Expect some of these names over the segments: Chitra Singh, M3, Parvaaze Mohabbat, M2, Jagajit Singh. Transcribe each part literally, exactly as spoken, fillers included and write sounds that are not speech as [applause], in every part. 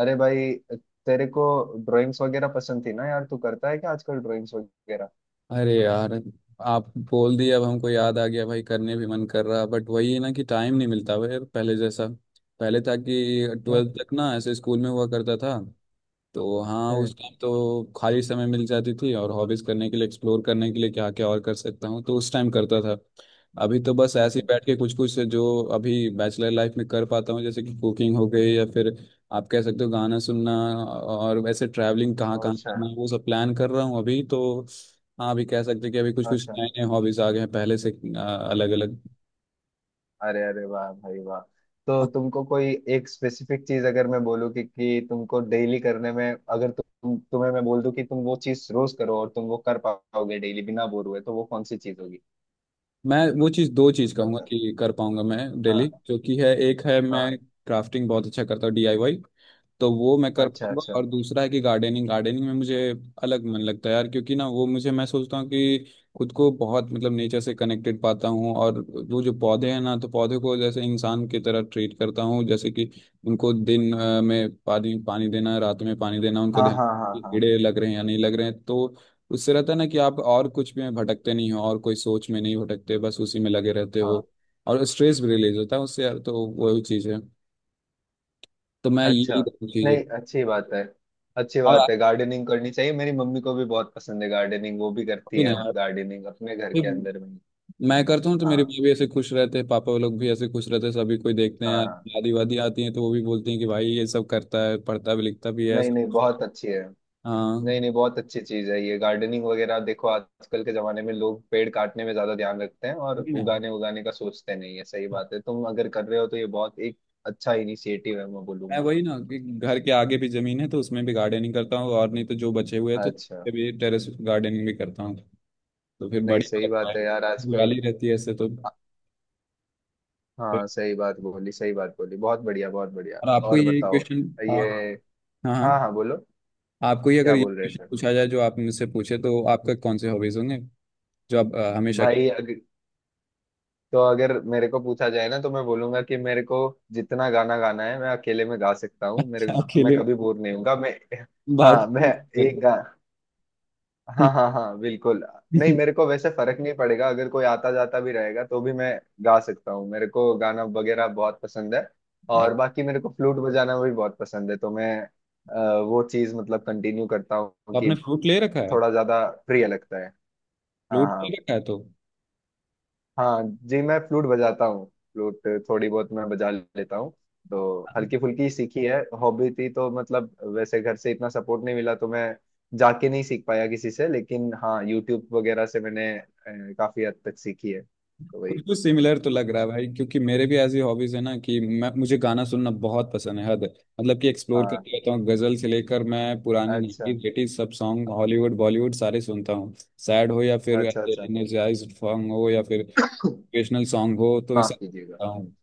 अरे भाई, तेरे को ड्राइंग्स वगैरह पसंद थी ना यार। तू करता है क्या आजकल ड्राइंग्स वगैरह? अरे यार, आप बोल दिए अब हमको याद आ गया भाई। करने भी मन कर रहा, बट वही है ना कि टाइम नहीं मिलता भाई यार, पहले जैसा पहले था कि क्यों? ट्वेल्थ तक ना ऐसे स्कूल में हुआ करता था। तो हाँ, हम्म। उस टाइम तो खाली समय मिल जाती थी और हॉबीज करने के लिए, एक्सप्लोर करने के लिए क्या क्या और कर सकता हूँ, तो उस टाइम करता था। अभी तो बस हम्म। ऐसे ही हम्म। बैठ के कुछ कुछ जो अभी बैचलर लाइफ में कर पाता हूँ, जैसे कि कुकिंग हो गई या फिर आप कह सकते हो गाना सुनना। और वैसे ट्रैवलिंग कहाँ कहाँ अच्छा। करना है वो सब प्लान कर रहा हूँ अभी तो। हाँ, अभी कह सकते हैं कि अभी कुछ कुछ अच्छा। नए नए हॉबीज आ गए हैं पहले से अलग अलग। अरे अरे वाह भाई वाह। तो तुमको कोई एक स्पेसिफिक चीज अगर मैं बोलूँ कि, कि तुमको डेली करने में, अगर तुम तुम्हें मैं बोल दूं कि तुम वो चीज रोज करो और तुम वो कर पाओगे डेली बिना बोर हुए, तो वो कौन सी चीज होगी? मैं वो चीज़, दो चीज़ कहूँगा बता। कि कर पाऊंगा मैं डेली, हाँ। जो कि है, एक है हाँ। मैं क्राफ्टिंग बहुत अच्छा करता हूँ, डीआईवाई। तो वो मैं कर अच्छा पाऊंगा। अच्छा। और दूसरा है कि गार्डनिंग, गार्डनिंग में मुझे अलग मन लगता है यार, क्योंकि ना वो मुझे मैं सोचता हूँ कि खुद को बहुत मतलब नेचर से कनेक्टेड पाता हूँ। और वो जो पौधे हैं ना, तो पौधे को जैसे इंसान की तरह ट्रीट करता हूँ, जैसे कि उनको दिन अ, में पानी पानी देना, रात में पानी देना, उनको हाँ ध्यान हाँ। कि हाँ कीड़े लग रहे हैं या नहीं लग रहे हैं, तो उससे रहता है ना कि आप और कुछ में भटकते नहीं हो और कोई सोच में नहीं भटकते, बस उसी में लगे रहते हाँ। हो। और स्ट्रेस भी रिलीज होता है उससे यार, तो वही चीज़ है। तो मैं, अच्छा। यही चीज़ है। नहीं, अच्छी बात है। अच्छी बात और है, गार्डनिंग करनी चाहिए। मेरी मम्मी को भी बहुत पसंद है गार्डनिंग। वो भी करती भी ना है यार, गार्डनिंग अपने घर के फिर अंदर में ही। मैं करता हूँ तो मेरे हाँ। भाई भी ऐसे खुश रहते हैं, पापा लोग भी ऐसे खुश रहते हैं, सभी कोई देखते हैं हाँ यार। हाँ। दादी वादी आती हैं तो वो भी बोलती हैं कि भाई ये सब करता है, पढ़ता भी लिखता भी है। नहीं नहीं, बहुत अच्छी है। नहीं हाँ। नहीं, बहुत अच्छी चीज है ये गार्डनिंग वगैरह। देखो आजकल के जमाने में लोग पेड़ काटने में ज्यादा ध्यान रखते हैं और वही ना, उगाने उगाने का सोचते नहीं है। सही बात है, तुम अगर कर रहे हो तो ये बहुत एक अच्छा इनिशिएटिव है, मैं मैं बोलूंगा। वही ना कि घर के आगे भी जमीन है, तो उसमें भी गार्डनिंग करता हूँ, और नहीं तो जो बचे हुए हैं तो अच्छा। भी टेरेस गार्डनिंग भी करता हूँ। तो फिर नहीं, बढ़िया सही लगता है, बात है यार आजकल। हरियाली रहती है ऐसे तो। हाँ, सही बात बोली, सही बात बोली, बहुत बढ़िया बहुत बढ़िया। और आपको और ये बताओ क्वेश्चन, हाँ ये। हाँ हाँ, हाँ, बोलो। आपको ये, क्या अगर ये बोल रहे क्वेश्चन थे? पूछा जाए जो आप मुझसे पूछे, तो आपका कौन से हॉबीज होंगे जो आप अ, हमेशा। भाई अग, तो अगर मेरे को पूछा जाए ना तो मैं बोलूंगा कि मेरे को जितना गाना गाना है मैं अकेले में गा सकता हूँ। मेरे अच्छा, मैं अकेले कभी बोर नहीं होऊंगा। मैं हाँ, बात मैं एक गा हाँ हाँ हाँ, बिल्कुल। नहीं, मेरे को वैसे फर्क नहीं पड़ेगा, अगर कोई आता जाता भी रहेगा तो भी मैं गा सकता हूँ। मेरे को गाना वगैरह बहुत पसंद है। यार। और बाकी मेरे को फ्लूट बजाना भी बहुत पसंद है, तो मैं अ, वो चीज मतलब कंटिन्यू करता हूँ तो आपने कि फ्लूट ले रखा है? थोड़ा ज्यादा प्रिय लगता है। हाँ फ्लूट ले हाँ। रखा है तो। हाँ जी, मैं फ्लूट बजाता हूँ। फ्लूट थोड़ी बहुत मैं बजा लेता हूँ, तो हल्की फुल्की सीखी है। हॉबी थी तो मतलब, वैसे घर से इतना सपोर्ट नहीं मिला, तो मैं जाके नहीं सीख पाया किसी से, लेकिन हाँ यूट्यूब वगैरह से मैंने अ, काफी हद तक सीखी है, तो वही। कुछ कुछ सिमिलर तो लग रहा है भाई, क्योंकि मेरे भी ऐसी हॉबीज है ना कि मैं, मुझे गाना सुनना बहुत पसंद है, हद है। मतलब कि एक्सप्लोर हाँ। करते रहता हूँ, गजल से लेकर मैं पुरानी अच्छा नाइंटीज़ एटीज़ सब सॉन्ग, हॉलीवुड बॉलीवुड सारे सुनता हूँ। सैड हो या फिर अच्छा। अच्छा। एनर्जाइज सॉन्ग हो या फिर मोटिवेशनल सॉन्ग हो, तो ये सब माफ कीजिएगा। सुनता हम्म। हूँ।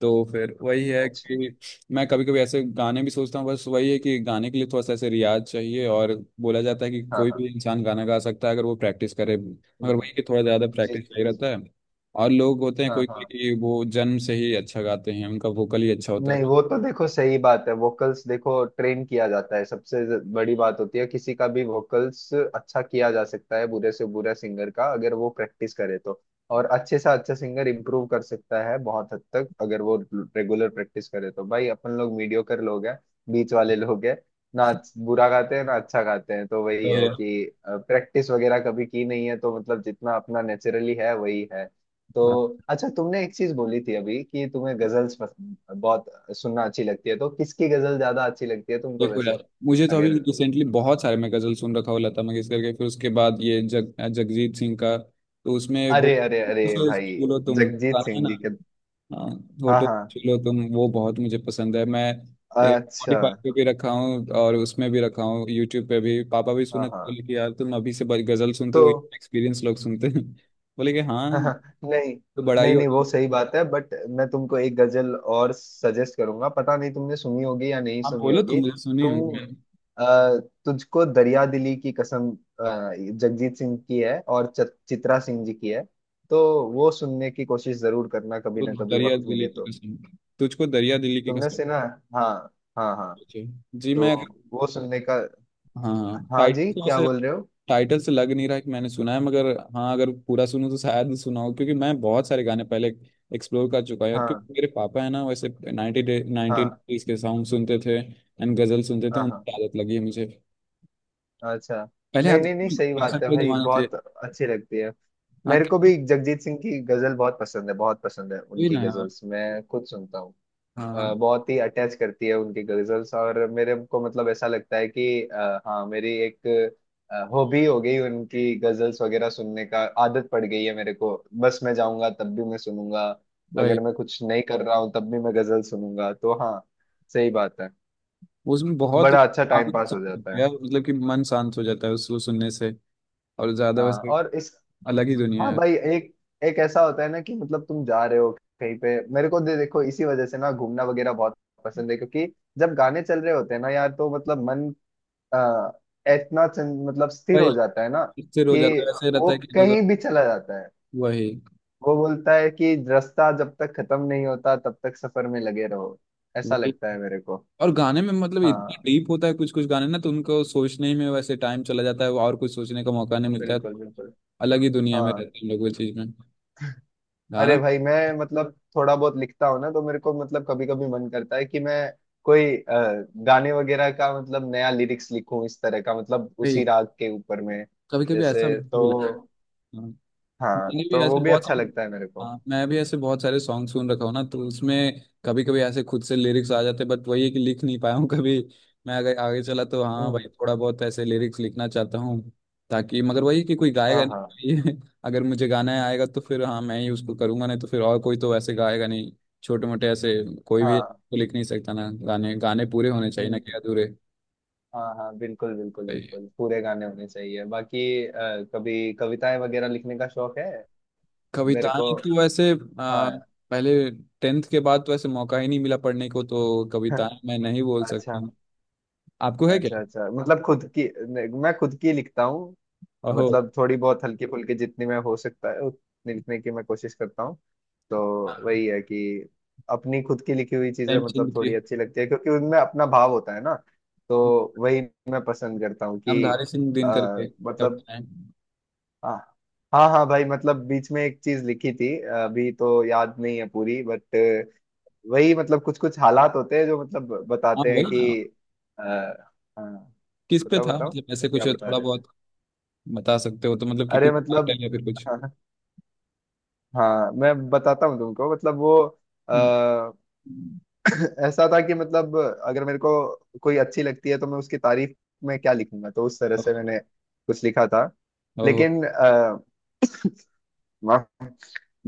तो फिर वही है अच्छा। कि मैं कभी कभी ऐसे गाने भी सोचता हूँ, बस वही है कि गाने के लिए थोड़ा सा ऐसे रियाज चाहिए। और बोला जाता है कि हाँ कोई भी हाँ। इंसान गाना गा सकता है अगर वो प्रैक्टिस करे, मगर हम्म। वही कि थोड़ा ज़्यादा जी। प्रैक्टिस चाहिए रहता है। और लोग होते हैं हाँ कोई कोई हाँ। कि वो जन्म से ही अच्छा गाते हैं, उनका वोकल ही अच्छा होता है। नहीं वो तो, देखो सही बात है। वोकल्स देखो, ट्रेन किया जाता है सबसे ज- बड़ी बात होती है। किसी का भी वोकल्स अच्छा किया जा सकता है, बुरे से बुरा सिंगर का अगर वो प्रैक्टिस करे तो। और अच्छे से अच्छा सिंगर इम्प्रूव कर सकता है बहुत हद तक अगर वो रेगुलर प्रैक्टिस करे तो। भाई अपन लोग मीडियोकर लोग हैं, बीच वाले लोग हैं, ना अच्छ- बुरा गाते हैं ना अच्छा गाते हैं, तो वही तो है कि प्रैक्टिस वगैरह कभी की नहीं है तो मतलब जितना अपना नेचुरली है वही है। तो हाँ। अच्छा, तुमने एक चीज बोली थी अभी कि तुम्हें गजल्स पसंद बहुत, सुनना अच्छी लगती है। तो किसकी गजल ज्यादा अच्छी लगती है तुमको देखो वैसे? यार, मुझे तो अभी अगर। रिसेंटली बहुत सारे मैं गज़ल सुन रखा हुआ, लता मंगेशकर के, फिर उसके बाद ये जग जगजीत सिंह का, तो उसमें वो। अरे अरे अरे भाई, बोलो तुम, जगजीत गाना है सिंह ना। जी के। हाँ, हाँ फोटो हाँ। खींच लो तुम, वो बहुत मुझे पसंद है। मैं एक अच्छा। Spotify पे भी रखा हूँ और उसमें भी रखा हूँ, यूट्यूब पे भी। पापा भी हाँ सुने तो हाँ। बोले कि यार तुम अभी से ब- गजल सुनते तो हो, एक्सपीरियंस लोग सुनते हैं। [laughs] बोले कि [laughs] हाँ, हाँ। नहीं तो बड़ा ही नहीं नहीं, होता वो है। सही बात है, बट मैं तुमको एक गजल और सजेस्ट करूंगा, पता नहीं तुमने सुनी होगी या नहीं आप सुनी बोलो होगी। तुम, मुझे सुनी हो तुम। मैं। अ, तुझको दरिया दिली की कसम, अ, जगजीत सिंह की है और च, चित्रा सिंह जी की है। तो वो सुनने की कोशिश जरूर करना, कभी तो ना कभी दरिया वक्त दिली मिले की तो। कसम, तुझको दरिया दिली की तुमने कसम। सुना? हाँ। हाँ हाँ। जी तो मैं, वो सुनने का। हाँ हाँ, हाँ जी, क्या टाइटल, बोल रहे हो? टाइटल से लग नहीं रहा कि मैंने सुना है, मगर हाँ, अगर पूरा सुनूं तो शायद सुना हो, क्योंकि मैं बहुत सारे गाने पहले एक्सप्लोर कर चुका हूं यार, हाँ क्योंकि मेरे पापा है ना, वैसे नाइंटी डे नाइनटीन हाँ। के सॉन्ग सुनते थे एंड गजल सुनते थे, हाँ हाँ। उनकी आदत लगी है मुझे। अच्छा। पहले नहीं आते नहीं नहीं, थे सही बात कैसेट है पे, भाई, जमाने थे। बहुत अच्छी लगती है। हाँ, मेरे को cassette। भी जगजीत सिंह की गजल बहुत पसंद है, बहुत पसंद है वही उनकी ना यार। गजल्स, मैं खुद सुनता हूँ। हाँ अ, बहुत ही अटैच करती है उनकी गजल्स। और मेरे को मतलब ऐसा लगता है कि आ, हाँ, मेरी एक हॉबी हो गई उनकी गजल्स वगैरह सुनने का, आदत पड़ गई है मेरे को। बस मैं जाऊंगा तब भी मैं सुनूंगा, भाई, अगर मैं कुछ नहीं कर रहा हूँ तब भी मैं गजल सुनूंगा, तो हाँ सही बात है। उसमें बहुत बड़ा अच्छा टाइम आनंद पास सा हो होता जाता है है। यार, मतलब कि मन शांत हो जाता है उसको सुनने से। और ज्यादा हाँ, वैसे और इस। अलग ही हाँ दुनिया है भाई, एक एक ऐसा होता है ना कि मतलब तुम जा रहे हो कहीं पे, मेरे को दे, देखो इसी वजह से ना घूमना वगैरह बहुत पसंद है, क्योंकि जब गाने चल रहे होते हैं ना यार तो मतलब मन आ, इतना चन- मतलब स्थिर भाई। हो जाता है ना इससे कि रोज आता है, वैसे रहता वो है कि रोज, कहीं भी चला जाता है। वही वो बोलता है कि रास्ता जब तक खत्म नहीं होता तब तक सफर में लगे रहो, ऐसा वही। लगता है मेरे को। और गाने में मतलब इतना हाँ डीप होता है कुछ कुछ गाने ना, तो उनको सोचने ही में वैसे टाइम चला जाता है और कुछ सोचने का मौका नहीं मिलता है। बिल्कुल बिल्कुल। अलग ही दुनिया में हाँ। रहते हैं हम लोग, वो चीज में, अरे गाना भाई, मैं मतलब थोड़ा बहुत लिखता हूँ ना, तो मेरे को मतलब कभी कभी मन करता है कि मैं कोई अ, गाने वगैरह का मतलब नया लिरिक्स लिखूं इस तरह का, मतलब भाई। उसी राग के ऊपर में कभी कभी ऐसा जैसे, भी तो। लगता है। हाँ, मैंने भी तो वो ऐसे भी बहुत अच्छा सारे, लगता है मेरे को। हाँ, मैं भी ऐसे बहुत सारे सॉन्ग सुन रखा हूँ ना, तो उसमें कभी कभी ऐसे खुद से लिरिक्स आ जाते, बट वही है कि लिख नहीं पाया हूँ कभी। मैं अगर आगे चला तो हाँ हम्म। भाई, थोड़ा बहुत ऐसे लिरिक्स लिखना चाहता हूँ, ताकि। मगर वही कि कोई हाँ गाएगा हाँ नहीं। [laughs] ये, अगर मुझे गाना आएगा तो फिर हाँ मैं ही उसको करूंगा, नहीं तो फिर और कोई तो ऐसे गाएगा नहीं। छोटे मोटे ऐसे कोई भी हाँ। तो लिख नहीं सकता ना, गाने गाने पूरे होने चाहिए हम्म। ना कि अधूरे। हाँ हाँ, बिल्कुल बिल्कुल बिल्कुल, पूरे गाने होने चाहिए। बाकी अ, कभी कविताएं वगैरह लिखने का शौक है मेरे कविताएं को। तो वैसे आ, हाँ। पहले टेंथ के बाद तो ऐसे मौका ही नहीं मिला पढ़ने को, तो कविताएं [laughs] मैं नहीं बोल सकता अच्छा हूँ। आपको है क्या? अच्छा। अच्छा मतलब खुद की नहीं, मैं खुद की लिखता हूँ। ओहो। मतलब थोड़ी बहुत हल्की फुल्की जितनी मैं, हो सकता है उतनी लिखने की मैं कोशिश करता हूँ। तो वही है कि अपनी खुद की लिखी हुई चीजें मतलब प्रेमचंद थोड़ी की, अच्छी लगती है क्योंकि उनमें अपना भाव होता है ना। तो वही मैं पसंद करता हूँ कि नामधारी सिंह दिनकर आ, के मतलब। कविताएं। हाँ हाँ हाँ भाई, मतलब बीच में एक चीज लिखी थी, अभी तो याद नहीं है पूरी, बट वही मतलब कुछ कुछ हालात होते हैं जो मतलब हाँ बताते हैं वही कि ना, आ, हाँ। किस पे बताओ था, बताओ, मतलब ऐसे क्या कुछ बता थोड़ा रहे थे? बहुत बता सकते हो तो, मतलब कि अरे कुछ मतलब, title या फिर कुछ। [laughs] हाँ मैं बताता हूँ तुमको, मतलब वो हम्म, आ, [clears throat] ऐसा था कि मतलब अगर मेरे को कोई अच्छी लगती है तो मैं उसकी तारीफ में क्या लिखूंगा, तो उस तरह ओह, से मैंने कुछ लिखा था, ओह, लेकिन आ, माफ,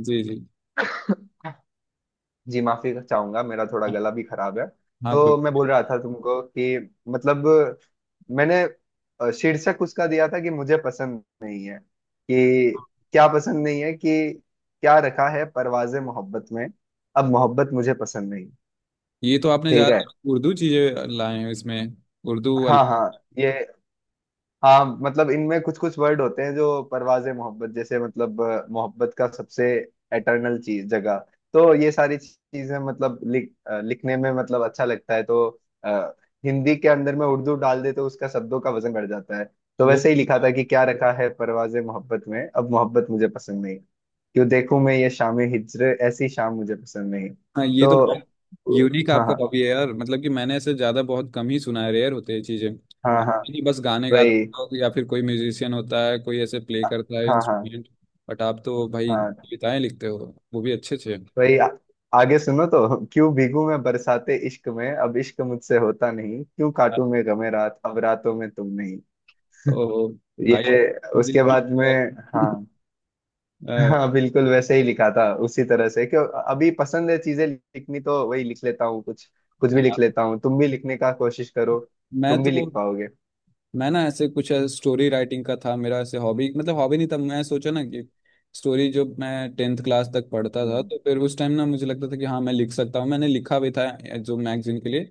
जी जी, जी माफी चाहूंगा, मेरा थोड़ा हाँ गला भी खराब है। हाँ, कोई। तो मैं बोल रहा था तुमको कि मतलब मैंने अ, शीर्षक उसका दिया था कि मुझे पसंद नहीं है कि, क्या पसंद नहीं है कि, क्या रखा है परवाज़े मोहब्बत में, अब मोहब्बत मुझे पसंद नहीं। ये तो आपने ठीक ज्यादा है। उर्दू चीजें लाए हैं इसमें, उर्दू अल- हाँ हाँ ये। हाँ मतलब इनमें कुछ कुछ वर्ड होते हैं जो परवाज़े मोहब्बत जैसे मतलब, अ, मोहब्बत का सबसे एटर्नल चीज जगह। तो ये सारी चीजें मतलब लिख अ, लिखने में मतलब अच्छा लगता है, तो अ, हिंदी के अंदर में उर्दू डाल दे तो उसका शब्दों का वजन बढ़ जाता है। तो वो। वैसे ही लिखा था कि क्या रखा है परवाज़े मोहब्बत में, अब मोहब्बत मुझे पसंद नहीं, क्यों देखूं मैं ये शामें हिज्र, ऐसी शाम मुझे पसंद नहीं। हाँ, ये तो बहुत तो यूनिक हाँ आपका हाँ। हॉबी है यार, मतलब कि मैंने ऐसे ज्यादा बहुत कम ही सुना है, रेयर होते हैं चीजें। हाँ आप हाँ। ही बस गाने वही। गाता हो या फिर कोई म्यूजिशियन होता है, कोई ऐसे प्ले करता है हाँ हाँ इंस्ट्रूमेंट, बट आप तो भाई हाँ कविताएं लिखते हो, वो भी अच्छे अच्छे। भाई, आ- आगे सुनो तो, क्यों भीगू मैं बरसाते इश्क में, अब इश्क मुझसे होता नहीं, क्यों काटू मैं गमे रात, अब रातों में तुम नहीं। ओ भाई, ये दिल उसके टूट बाद गया। में। हाँ हाँ, बिल्कुल वैसे ही लिखा था उसी तरह से, क्यों। अभी पसंद है चीजें लिखनी तो वही लिख लेता हूँ, कुछ कुछ भी [laughs] अ, लिख लेता हूँ। तुम भी लिखने का कोशिश करो, मैं तुम भी तो, लिख पाओगे। मैं ना ऐसे कुछ स्टोरी राइटिंग का था मेरा ऐसे हॉबी, मतलब हॉबी नहीं था, मैं सोचा ना कि स्टोरी। जब मैं टेंथ क्लास तक पढ़ता था हम्म। तो फिर उस टाइम ना मुझे लगता था कि हाँ मैं लिख सकता हूँ, मैंने लिखा भी था जो मैगजीन के लिए।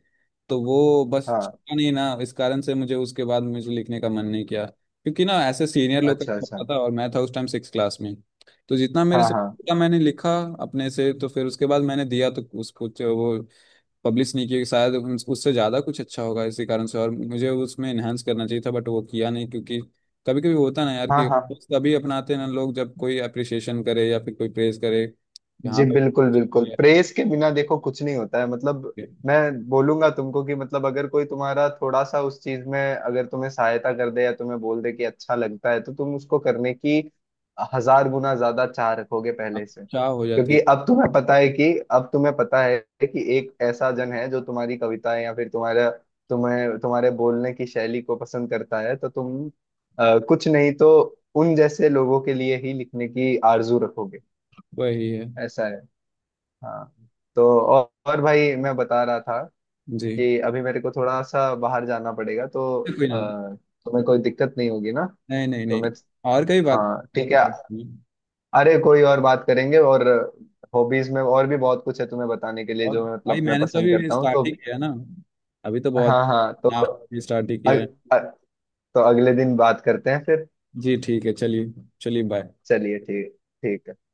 तो वो बस हाँ। चला नहीं ना, इस कारण से मुझे उसके बाद मुझे लिखने का मन नहीं किया, क्योंकि ना ऐसे सीनियर लोग का अच्छा अच्छा। पढ़ता था, और मैं था उस टाइम सिक्स क्लास में। तो जितना मेरे हाँ से हाँ। पता मैंने लिखा अपने से, तो फिर उसके बाद मैंने दिया तो उसको, जो वो पब्लिश नहीं किया कि शायद उन- उससे ज़्यादा कुछ अच्छा होगा, इसी कारण से, और मुझे उसमें इन्हांस करना चाहिए था, बट वो किया नहीं, क्योंकि कभी कभी होता ना यार हाँ कि हाँ। तभी अपनाते हैं ना लोग जब कोई अप्रिशिएशन करे या फिर कोई प्रेज करे, यहाँ जी पे बिल्कुल बिल्कुल, प्रेस के बिना देखो कुछ नहीं होता है। मतलब मैं बोलूंगा तुमको कि मतलब, अगर कोई तुम्हारा थोड़ा सा उस चीज में अगर तुम्हें सहायता कर दे या तुम्हें बोल दे कि अच्छा लगता है, तो तुम उसको करने की हजार गुना ज्यादा चाह रखोगे पहले से, क्या हो जाती क्योंकि है, अब तुम्हें पता है, कि अब तुम्हें पता है कि एक ऐसा जन है जो तुम्हारी कविताएं या फिर तुम्हारा, तुम्हें तुम्हारे बोलने की शैली को पसंद करता है, तो तुम अ, कुछ नहीं तो उन जैसे लोगों के लिए ही लिखने की आरजू रखोगे। वही है। ऐसा है। हाँ। तो और, और भाई, मैं बता रहा था जी, कि अभी मेरे को थोड़ा सा बाहर जाना पड़ेगा, तो कोई अ, ना, तुम्हें कोई दिक्कत नहीं होगी ना? नहीं नहीं तो मैं। नहीं, और कई बात, हाँ ठीक है। अरे कोई और बात करेंगे, और हॉबीज में और भी बहुत कुछ है तुम्हें बताने के लिए, और जो मैं भाई मतलब मैं मैंने तो पसंद अभी करता हूँ, तो। स्टार्ट ही किया ना, अभी तो बहुत, हाँ हाँ, तो आप स्टार्ट ही किया अग, है। अ, तो अगले दिन बात करते हैं फिर। जी ठीक है, चलिए। चलिए बाय। चलिए ठीक। ठीक है।